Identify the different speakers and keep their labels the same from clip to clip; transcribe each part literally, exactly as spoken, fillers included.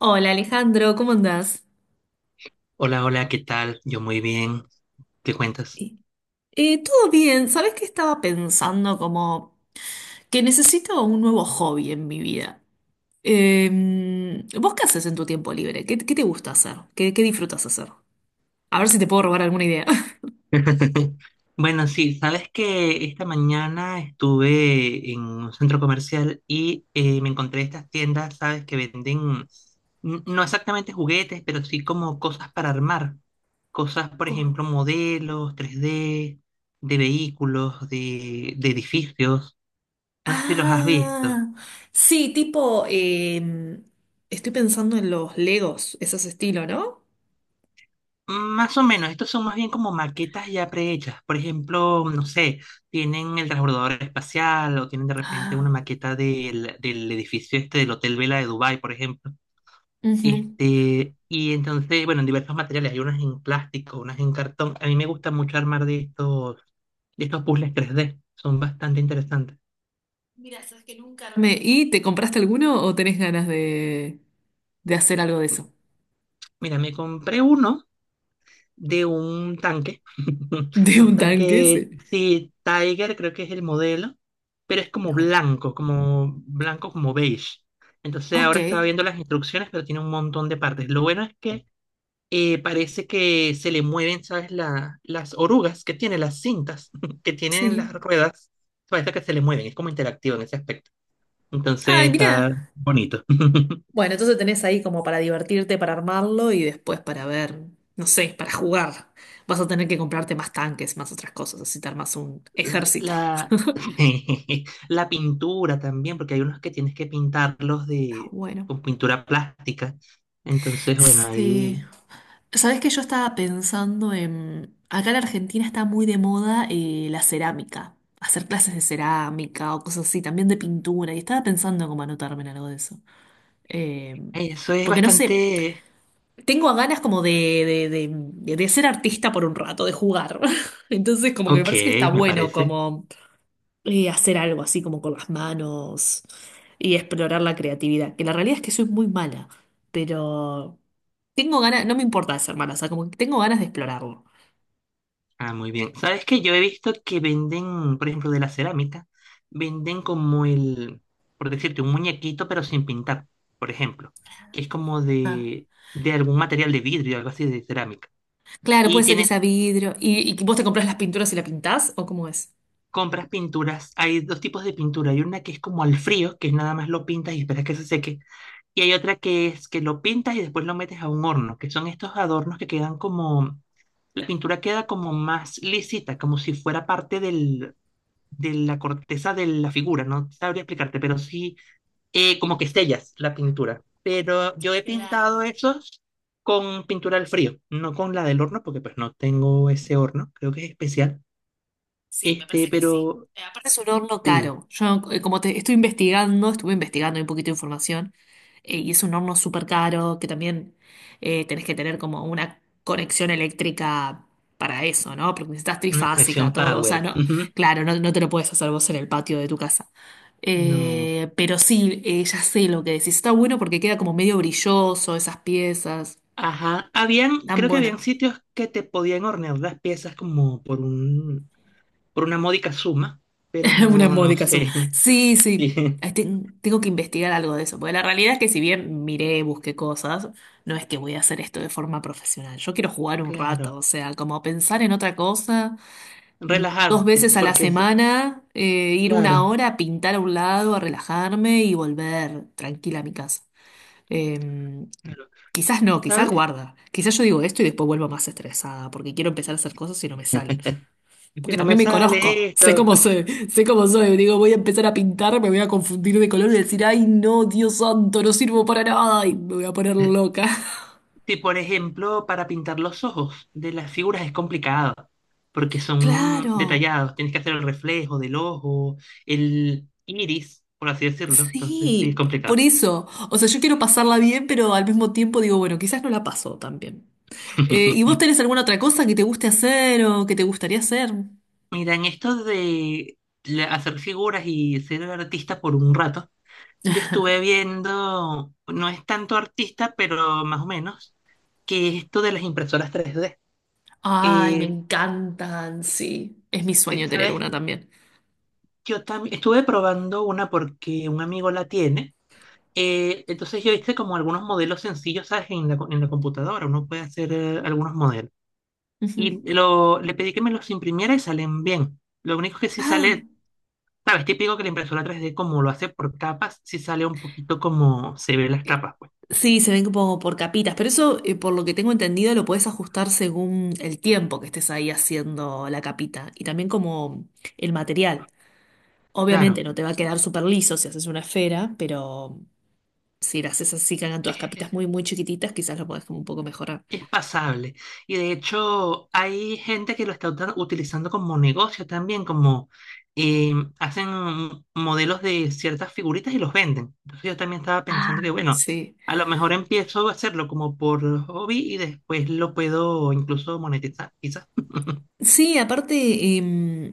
Speaker 1: Hola Alejandro, ¿cómo andás?
Speaker 2: Hola, hola, ¿qué tal? Yo muy bien. ¿Qué cuentas?
Speaker 1: Eh, eh, todo bien, ¿sabés qué estaba pensando? Como que necesito un nuevo hobby en mi vida. Eh, ¿vos qué haces en tu tiempo libre? ¿Qué, qué te gusta hacer? ¿Qué, qué disfrutas hacer? A ver si te puedo robar alguna idea.
Speaker 2: Bueno, sí, sabes que esta mañana estuve en un centro comercial y eh, me encontré estas tiendas, sabes, que venden n- no exactamente juguetes, pero sí como cosas para armar. Cosas, por
Speaker 1: Co-
Speaker 2: ejemplo, modelos tres D, de vehículos, de, de edificios. No sé si los has visto.
Speaker 1: Ah, sí, tipo, eh, estoy pensando en los Legos, ese es estilo, ¿no?
Speaker 2: Más o menos, estos son más bien como maquetas ya prehechas. Por ejemplo, no sé, tienen el transbordador espacial o tienen de repente una
Speaker 1: Ah,
Speaker 2: maqueta del, del edificio este del Hotel Vela de Dubái, por ejemplo.
Speaker 1: ujú.
Speaker 2: Este, y entonces, bueno, en diversos materiales, hay unas en plástico, unas en cartón. A mí me gusta mucho armar de estos, de estos puzzles tres D, son bastante interesantes.
Speaker 1: Mira, Carmen, ¿y te compraste alguno o tenés ganas de, de hacer algo de eso?
Speaker 2: Mira, me compré uno de un tanque,
Speaker 1: De un
Speaker 2: un
Speaker 1: tanque,
Speaker 2: tanque,
Speaker 1: sí.
Speaker 2: sí, Tiger creo que es el modelo, pero es como
Speaker 1: Bueno,
Speaker 2: blanco, como blanco, como beige. Entonces
Speaker 1: ok,
Speaker 2: ahora estaba viendo las instrucciones, pero tiene un montón de partes. Lo bueno es que eh, parece que se le mueven, ¿sabes? La- las orugas que tiene, las cintas que tienen las
Speaker 1: sí.
Speaker 2: ruedas, parece que se le mueven, es como interactivo en ese aspecto.
Speaker 1: Ay,
Speaker 2: Entonces
Speaker 1: mirá.
Speaker 2: está bonito.
Speaker 1: Bueno, entonces tenés ahí como para divertirte, para armarlo y después para ver, no sé, para jugar. Vas a tener que comprarte más tanques, más otras cosas, así te armas un ejército.
Speaker 2: La, la pintura también, porque hay unos que tienes que pintarlos
Speaker 1: Está
Speaker 2: de,
Speaker 1: bueno.
Speaker 2: con pintura plástica. Entonces, bueno,
Speaker 1: Sí.
Speaker 2: ahí
Speaker 1: Sabés que yo estaba pensando en. Acá en Argentina está muy de moda eh, la cerámica. Hacer clases de cerámica o cosas así, también de pintura. Y estaba pensando en cómo anotarme en algo de eso. Eh,
Speaker 2: ahí eso es
Speaker 1: porque no sé.
Speaker 2: bastante.
Speaker 1: Tengo ganas como de, de, de- de ser artista por un rato, de jugar. Entonces, como que me
Speaker 2: Ok,
Speaker 1: parece que está
Speaker 2: me
Speaker 1: bueno
Speaker 2: parece.
Speaker 1: como eh, hacer algo así como con las manos y explorar la creatividad. Que la realidad es que soy muy mala, pero tengo ganas, no me importa de ser mala, o sea, como que tengo ganas de explorarlo.
Speaker 2: Ah, muy bien. ¿Sabes que yo he visto que venden, por ejemplo, de la cerámica, venden como el, por decirte, un muñequito pero sin pintar, por ejemplo, que es como
Speaker 1: Ah.
Speaker 2: de, de algún material de vidrio, algo así de cerámica.
Speaker 1: Claro,
Speaker 2: Y
Speaker 1: puede ser que
Speaker 2: tiene
Speaker 1: sea vidrio. ¿Y, y vos te compras las pinturas y la pintás? ¿O cómo es?
Speaker 2: compras pinturas, hay dos tipos de pintura. Hay una que es como al frío, que es nada más lo pintas y esperas que se seque. Y hay otra que es que lo pintas y después lo metes a un horno, que son estos adornos que quedan como, la pintura queda como más lisita, como si fuera parte del, de la corteza de la figura. No sabría explicarte, pero sí, eh, como que sellas la pintura. Pero yo he pintado
Speaker 1: Claro.
Speaker 2: esos con pintura al frío, no con la del horno, porque pues no tengo ese horno, creo que es especial.
Speaker 1: Sí, me
Speaker 2: Este,
Speaker 1: parece que sí.
Speaker 2: pero
Speaker 1: Eh, aparte, es un horno
Speaker 2: sí.
Speaker 1: caro. Yo, eh, como te estoy investigando, estuve investigando un poquito de información, eh, y es un horno súper caro, que también eh, tenés que tener como una conexión eléctrica para eso, ¿no? Porque necesitas
Speaker 2: Una
Speaker 1: trifásica,
Speaker 2: conexión
Speaker 1: todo. O sea,
Speaker 2: power.
Speaker 1: no,
Speaker 2: Ujú.
Speaker 1: claro, no, no te lo puedes hacer vos en el patio de tu casa.
Speaker 2: No.
Speaker 1: Eh, pero sí, eh, ya sé lo que decís. Está bueno porque queda como medio brilloso esas piezas.
Speaker 2: Ajá. Habían,
Speaker 1: Tan
Speaker 2: creo que habían
Speaker 1: bueno.
Speaker 2: sitios que te podían hornear las piezas como por un, por una módica suma, pero
Speaker 1: Una
Speaker 2: no, no
Speaker 1: módica suma.
Speaker 2: sé.
Speaker 1: Sí,
Speaker 2: Sí,
Speaker 1: sí. Ay, ten- tengo que investigar algo de eso, porque la realidad es que si bien miré, busqué cosas, no es que voy a hacer esto de forma profesional. Yo quiero jugar un rato,
Speaker 2: claro.
Speaker 1: o sea, como pensar en otra cosa, mm, dos
Speaker 2: Relajarte,
Speaker 1: veces a la
Speaker 2: porque eso,
Speaker 1: semana, eh, ir una
Speaker 2: claro.
Speaker 1: hora a pintar a un lado, a relajarme y volver tranquila a mi casa. Eh,
Speaker 2: Claro.
Speaker 1: quizás no, quizás
Speaker 2: ¿Sabes?
Speaker 1: guarda. Quizás yo digo esto y después vuelvo más estresada, porque quiero empezar a hacer cosas y no me salen.
Speaker 2: Que
Speaker 1: Porque
Speaker 2: no me
Speaker 1: también me conozco,
Speaker 2: sale
Speaker 1: sé
Speaker 2: esto.
Speaker 1: cómo soy, sé cómo soy. Digo, voy a empezar a pintar, me voy a confundir de color y decir, ay, no, Dios santo, no sirvo para nada y me voy a poner loca.
Speaker 2: Sí, por ejemplo, para pintar los ojos de las figuras es complicado, porque son
Speaker 1: Claro,
Speaker 2: detallados, tienes que hacer el reflejo del ojo, el iris, por así decirlo, entonces sí es
Speaker 1: sí, p- por
Speaker 2: complicado.
Speaker 1: eso. O sea, yo quiero pasarla bien, pero al mismo tiempo digo, bueno, quizás no la paso tan bien. Eh, ¿y vos tenés alguna otra cosa que te guste hacer o que te gustaría hacer?
Speaker 2: Mira, en esto de la- hacer figuras y ser artista por un rato, yo estuve viendo, no es tanto artista, pero más o menos, que esto de las impresoras tres D.
Speaker 1: Ay, me
Speaker 2: Eh,
Speaker 1: encantan, sí. Es mi sueño tener
Speaker 2: ¿Sabes?
Speaker 1: una también.
Speaker 2: Yo también estuve probando una porque un amigo la tiene. Eh, entonces yo hice como algunos modelos sencillos, ¿sabes? En la, co- en la computadora, uno puede hacer eh, algunos modelos.
Speaker 1: Ujú.
Speaker 2: Y lo, le pedí que me los imprimiera y salen bien. Lo único que sí
Speaker 1: Ah.
Speaker 2: sale, ¿sabes? Típico que la impresora tres d como lo hace por capas, sí sale un poquito como se ve las capas, pues.
Speaker 1: Sí, se ven como por capitas, pero eso, eh, por lo que tengo entendido, lo puedes ajustar según el tiempo que estés ahí haciendo la capita y también como el material. Obviamente
Speaker 2: Claro.
Speaker 1: no te va a quedar súper liso si haces una esfera, pero si la haces así, que hagan todas capitas muy, muy chiquititas, quizás lo puedes como un poco mejorar.
Speaker 2: Es pasable. Y de hecho, hay gente que lo está uta- utilizando como negocio también, como eh, hacen modelos de ciertas figuritas y los venden. Entonces yo también estaba
Speaker 1: Ah,
Speaker 2: pensando que, bueno,
Speaker 1: sí.
Speaker 2: a lo mejor empiezo a hacerlo como por hobby y después lo puedo incluso monetizar, quizás.
Speaker 1: Sí, aparte, em,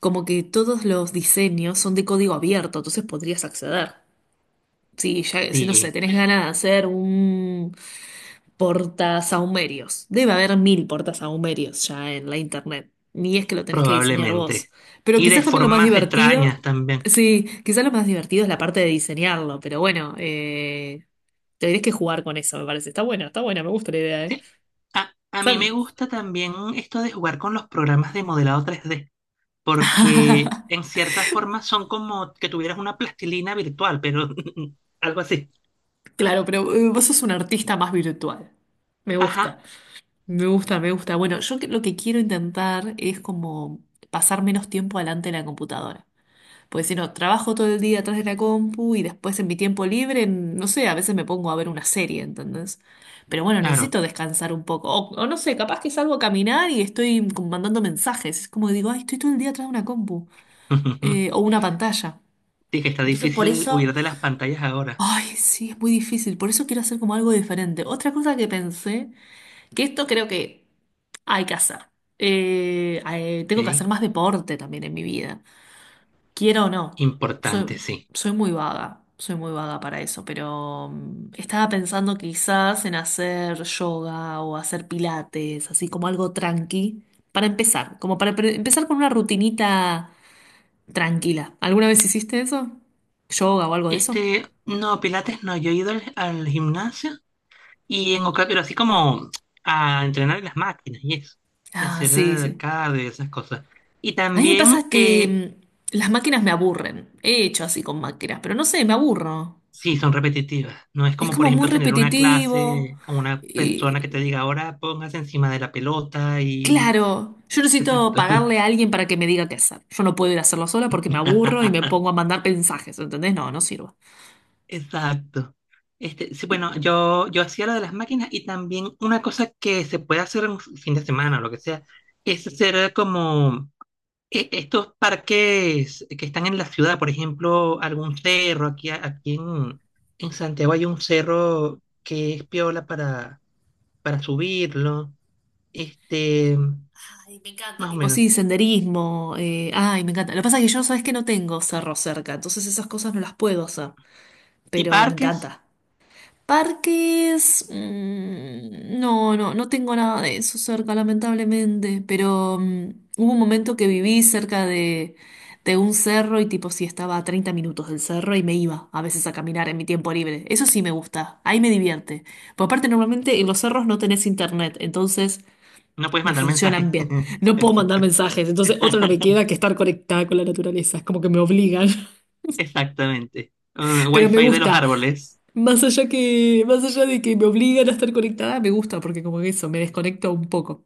Speaker 1: como que todos los diseños son de código abierto, entonces podrías acceder. Sí, ya, si no sé,
Speaker 2: Sí,
Speaker 1: tenés ganas de hacer un portasahumerios. Debe haber mil portasahumerios ya en la internet. Ni es que lo tenés que diseñar vos.
Speaker 2: probablemente.
Speaker 1: Pero
Speaker 2: Y de
Speaker 1: quizás también lo más
Speaker 2: formas extrañas
Speaker 1: divertido.
Speaker 2: también.
Speaker 1: Sí, quizás lo más divertido es la parte de diseñarlo. Pero bueno, eh, tendrías que jugar con eso, me parece. Está buena, está buena, me gusta la idea, ¿eh?
Speaker 2: Sí. A, a mí me
Speaker 1: Son-
Speaker 2: gusta también esto de jugar con los programas de modelado tres d porque en cierta forma son como que tuvieras una plastilina virtual, pero algo así.
Speaker 1: claro, pero eh, vos sos un artista más virtual. Me
Speaker 2: Ajá,
Speaker 1: gusta, me gusta, me gusta. Bueno, yo que- lo que quiero intentar es como pasar menos tiempo delante de la computadora. Pues si no, trabajo todo el día atrás de la compu y después en mi tiempo libre, en- no sé, a veces me pongo a ver una serie, ¿entendés? Pero bueno,
Speaker 2: claro.
Speaker 1: necesito descansar un poco. O, o no sé, capaz que salgo a caminar y estoy como mandando mensajes. Es como que digo, ay, estoy todo el día atrás de una compu eh, o una pantalla.
Speaker 2: Sí, que está
Speaker 1: Entonces por
Speaker 2: difícil
Speaker 1: eso,
Speaker 2: huir de las pantallas ahora.
Speaker 1: ay, sí, es muy difícil. Por eso quiero hacer como algo diferente. Otra cosa que pensé, que esto creo que hay que hacer. Eh, eh, tengo que
Speaker 2: Ok,
Speaker 1: hacer más deporte también en mi vida. Quiero o no, soy,
Speaker 2: importante, sí.
Speaker 1: soy muy vaga, soy muy vaga para eso, pero mm, estaba pensando quizás en hacer yoga o hacer pilates, así como algo tranqui, para empezar, como para pre- empezar con una rutinita tranquila. ¿Alguna vez hiciste eso? ¿Yoga o algo de eso?
Speaker 2: Este, no, Pilates no, yo he ido al, al gimnasio y en oca- pero así como a entrenar en las máquinas y eso, y
Speaker 1: Ah,
Speaker 2: hacer
Speaker 1: sí,
Speaker 2: eh,
Speaker 1: sí.
Speaker 2: cada de esas cosas. Y
Speaker 1: A mí me
Speaker 2: también.
Speaker 1: pasa que
Speaker 2: eh,
Speaker 1: mm, las máquinas me aburren. He hecho así con máquinas, pero no sé, me aburro.
Speaker 2: Sí, son repetitivas. No es
Speaker 1: Es
Speaker 2: como, por
Speaker 1: como muy
Speaker 2: ejemplo, tener una
Speaker 1: repetitivo.
Speaker 2: clase con una persona que te diga, ahora póngase encima de la pelota y.
Speaker 1: Claro, yo necesito
Speaker 2: Exacto.
Speaker 1: pagarle a alguien para que me diga qué hacer. Yo no puedo ir a hacerlo sola porque me aburro y me pongo a mandar mensajes, ¿entendés? No, no sirvo.
Speaker 2: Exacto. Este, sí, bueno, yo, yo hacía lo de las máquinas y también una cosa que se puede hacer en un fin de semana o lo que sea, es hacer como e- estos parques que están en la ciudad, por ejemplo, algún cerro, aquí, aquí en, en Santiago hay un cerro que es piola para, para subirlo. Este,
Speaker 1: Ay, me encanta,
Speaker 2: Más o
Speaker 1: tipo,
Speaker 2: menos.
Speaker 1: sí, senderismo, eh, ay, me encanta. Lo que pasa es que yo, sabes que no tengo cerro cerca, entonces esas cosas no las puedo hacer,
Speaker 2: Y
Speaker 1: pero me
Speaker 2: parques,
Speaker 1: encanta. Parques, mm, no, no, no tengo nada de eso cerca, lamentablemente, pero mm, hubo un momento que viví cerca de, de un cerro y tipo sí estaba a treinta minutos del cerro y me iba a veces a caminar en mi tiempo libre. Eso sí me gusta, ahí me divierte. Por aparte, normalmente en los cerros no tenés internet, entonces
Speaker 2: no puedes
Speaker 1: me
Speaker 2: mandar
Speaker 1: funcionan
Speaker 2: mensajes.
Speaker 1: bien. No puedo mandar mensajes, entonces otra no me queda que estar conectada con la naturaleza, es como que me obligan,
Speaker 2: Exactamente. Uh,
Speaker 1: pero me
Speaker 2: Wi-Fi de los
Speaker 1: gusta.
Speaker 2: árboles.
Speaker 1: Más allá que, más allá de que me obligan a estar conectada, me gusta porque como que eso, me desconecto un poco.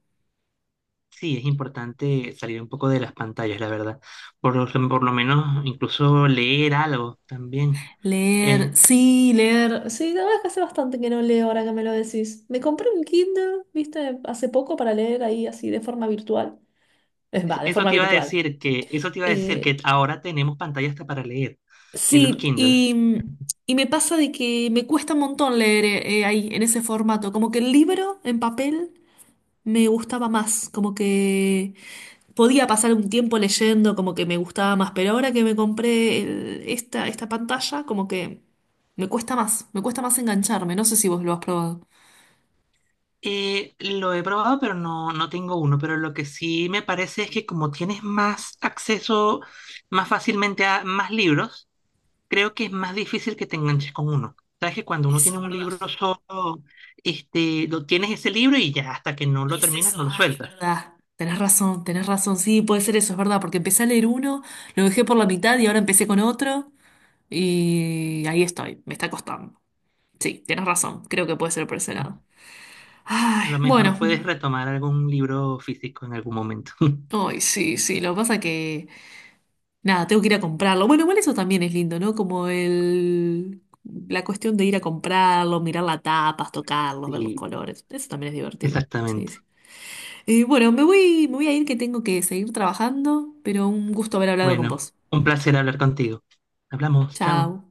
Speaker 2: Sí, es importante salir un poco de las pantallas, la verdad. Por, lo- por lo menos incluso leer algo también. Eh,
Speaker 1: Leer, sí, leer. Sí, la verdad es que hace bastante que no leo ahora que me lo decís. Me compré un Kindle, viste, hace poco para leer ahí así de forma virtual. Es va, de
Speaker 2: eso
Speaker 1: forma
Speaker 2: te iba a
Speaker 1: virtual.
Speaker 2: decir que, Eso te iba a decir que
Speaker 1: Eh,
Speaker 2: ahora tenemos pantallas hasta para leer en los
Speaker 1: Sí,
Speaker 2: Kindle.
Speaker 1: y, y me pasa de que me cuesta un montón leer eh, eh, ahí en ese formato. Como que el libro en papel me gustaba más. Como que podía pasar un tiempo leyendo, como que me gustaba más, pero ahora que me compré el- esta, esta pantalla, como que me cuesta más, me cuesta más engancharme. No sé si vos lo has probado.
Speaker 2: Eh, lo he probado, pero no, no tengo uno. Pero lo que sí me parece es que como tienes más acceso más fácilmente a más libros, creo que es más difícil que te enganches con uno. Sabes que cuando uno
Speaker 1: Eso
Speaker 2: tiene
Speaker 1: es
Speaker 2: un
Speaker 1: verdad.
Speaker 2: libro solo, este, lo tienes ese libro y ya hasta que no
Speaker 1: Y
Speaker 2: lo
Speaker 1: es
Speaker 2: terminas,
Speaker 1: eso,
Speaker 2: no lo
Speaker 1: ay, es
Speaker 2: sueltas.
Speaker 1: verdad. Ah, tenés razón, tenés razón, sí, puede ser eso, es verdad, porque empecé a leer uno, lo dejé por la mitad y ahora empecé con otro y ahí estoy, me está costando. Sí, tenés razón, creo que puede ser por ese lado.
Speaker 2: A
Speaker 1: Ay,
Speaker 2: lo
Speaker 1: bueno,
Speaker 2: mejor puedes retomar algún libro físico en algún momento.
Speaker 1: ay, sí, sí, lo que pasa que nada, tengo que ir a comprarlo. Bueno, igual eso también es lindo, ¿no? Como el, la cuestión de ir a comprarlo, mirar las tapas, tocarlos, ver los
Speaker 2: Sí,
Speaker 1: colores. Eso también es divertido. Sí,
Speaker 2: exactamente.
Speaker 1: sí. Eh, bueno, me voy, me voy a ir que tengo que seguir trabajando, pero un gusto haber hablado con
Speaker 2: Bueno,
Speaker 1: vos.
Speaker 2: un placer hablar contigo. Hablamos, chao.
Speaker 1: Chao.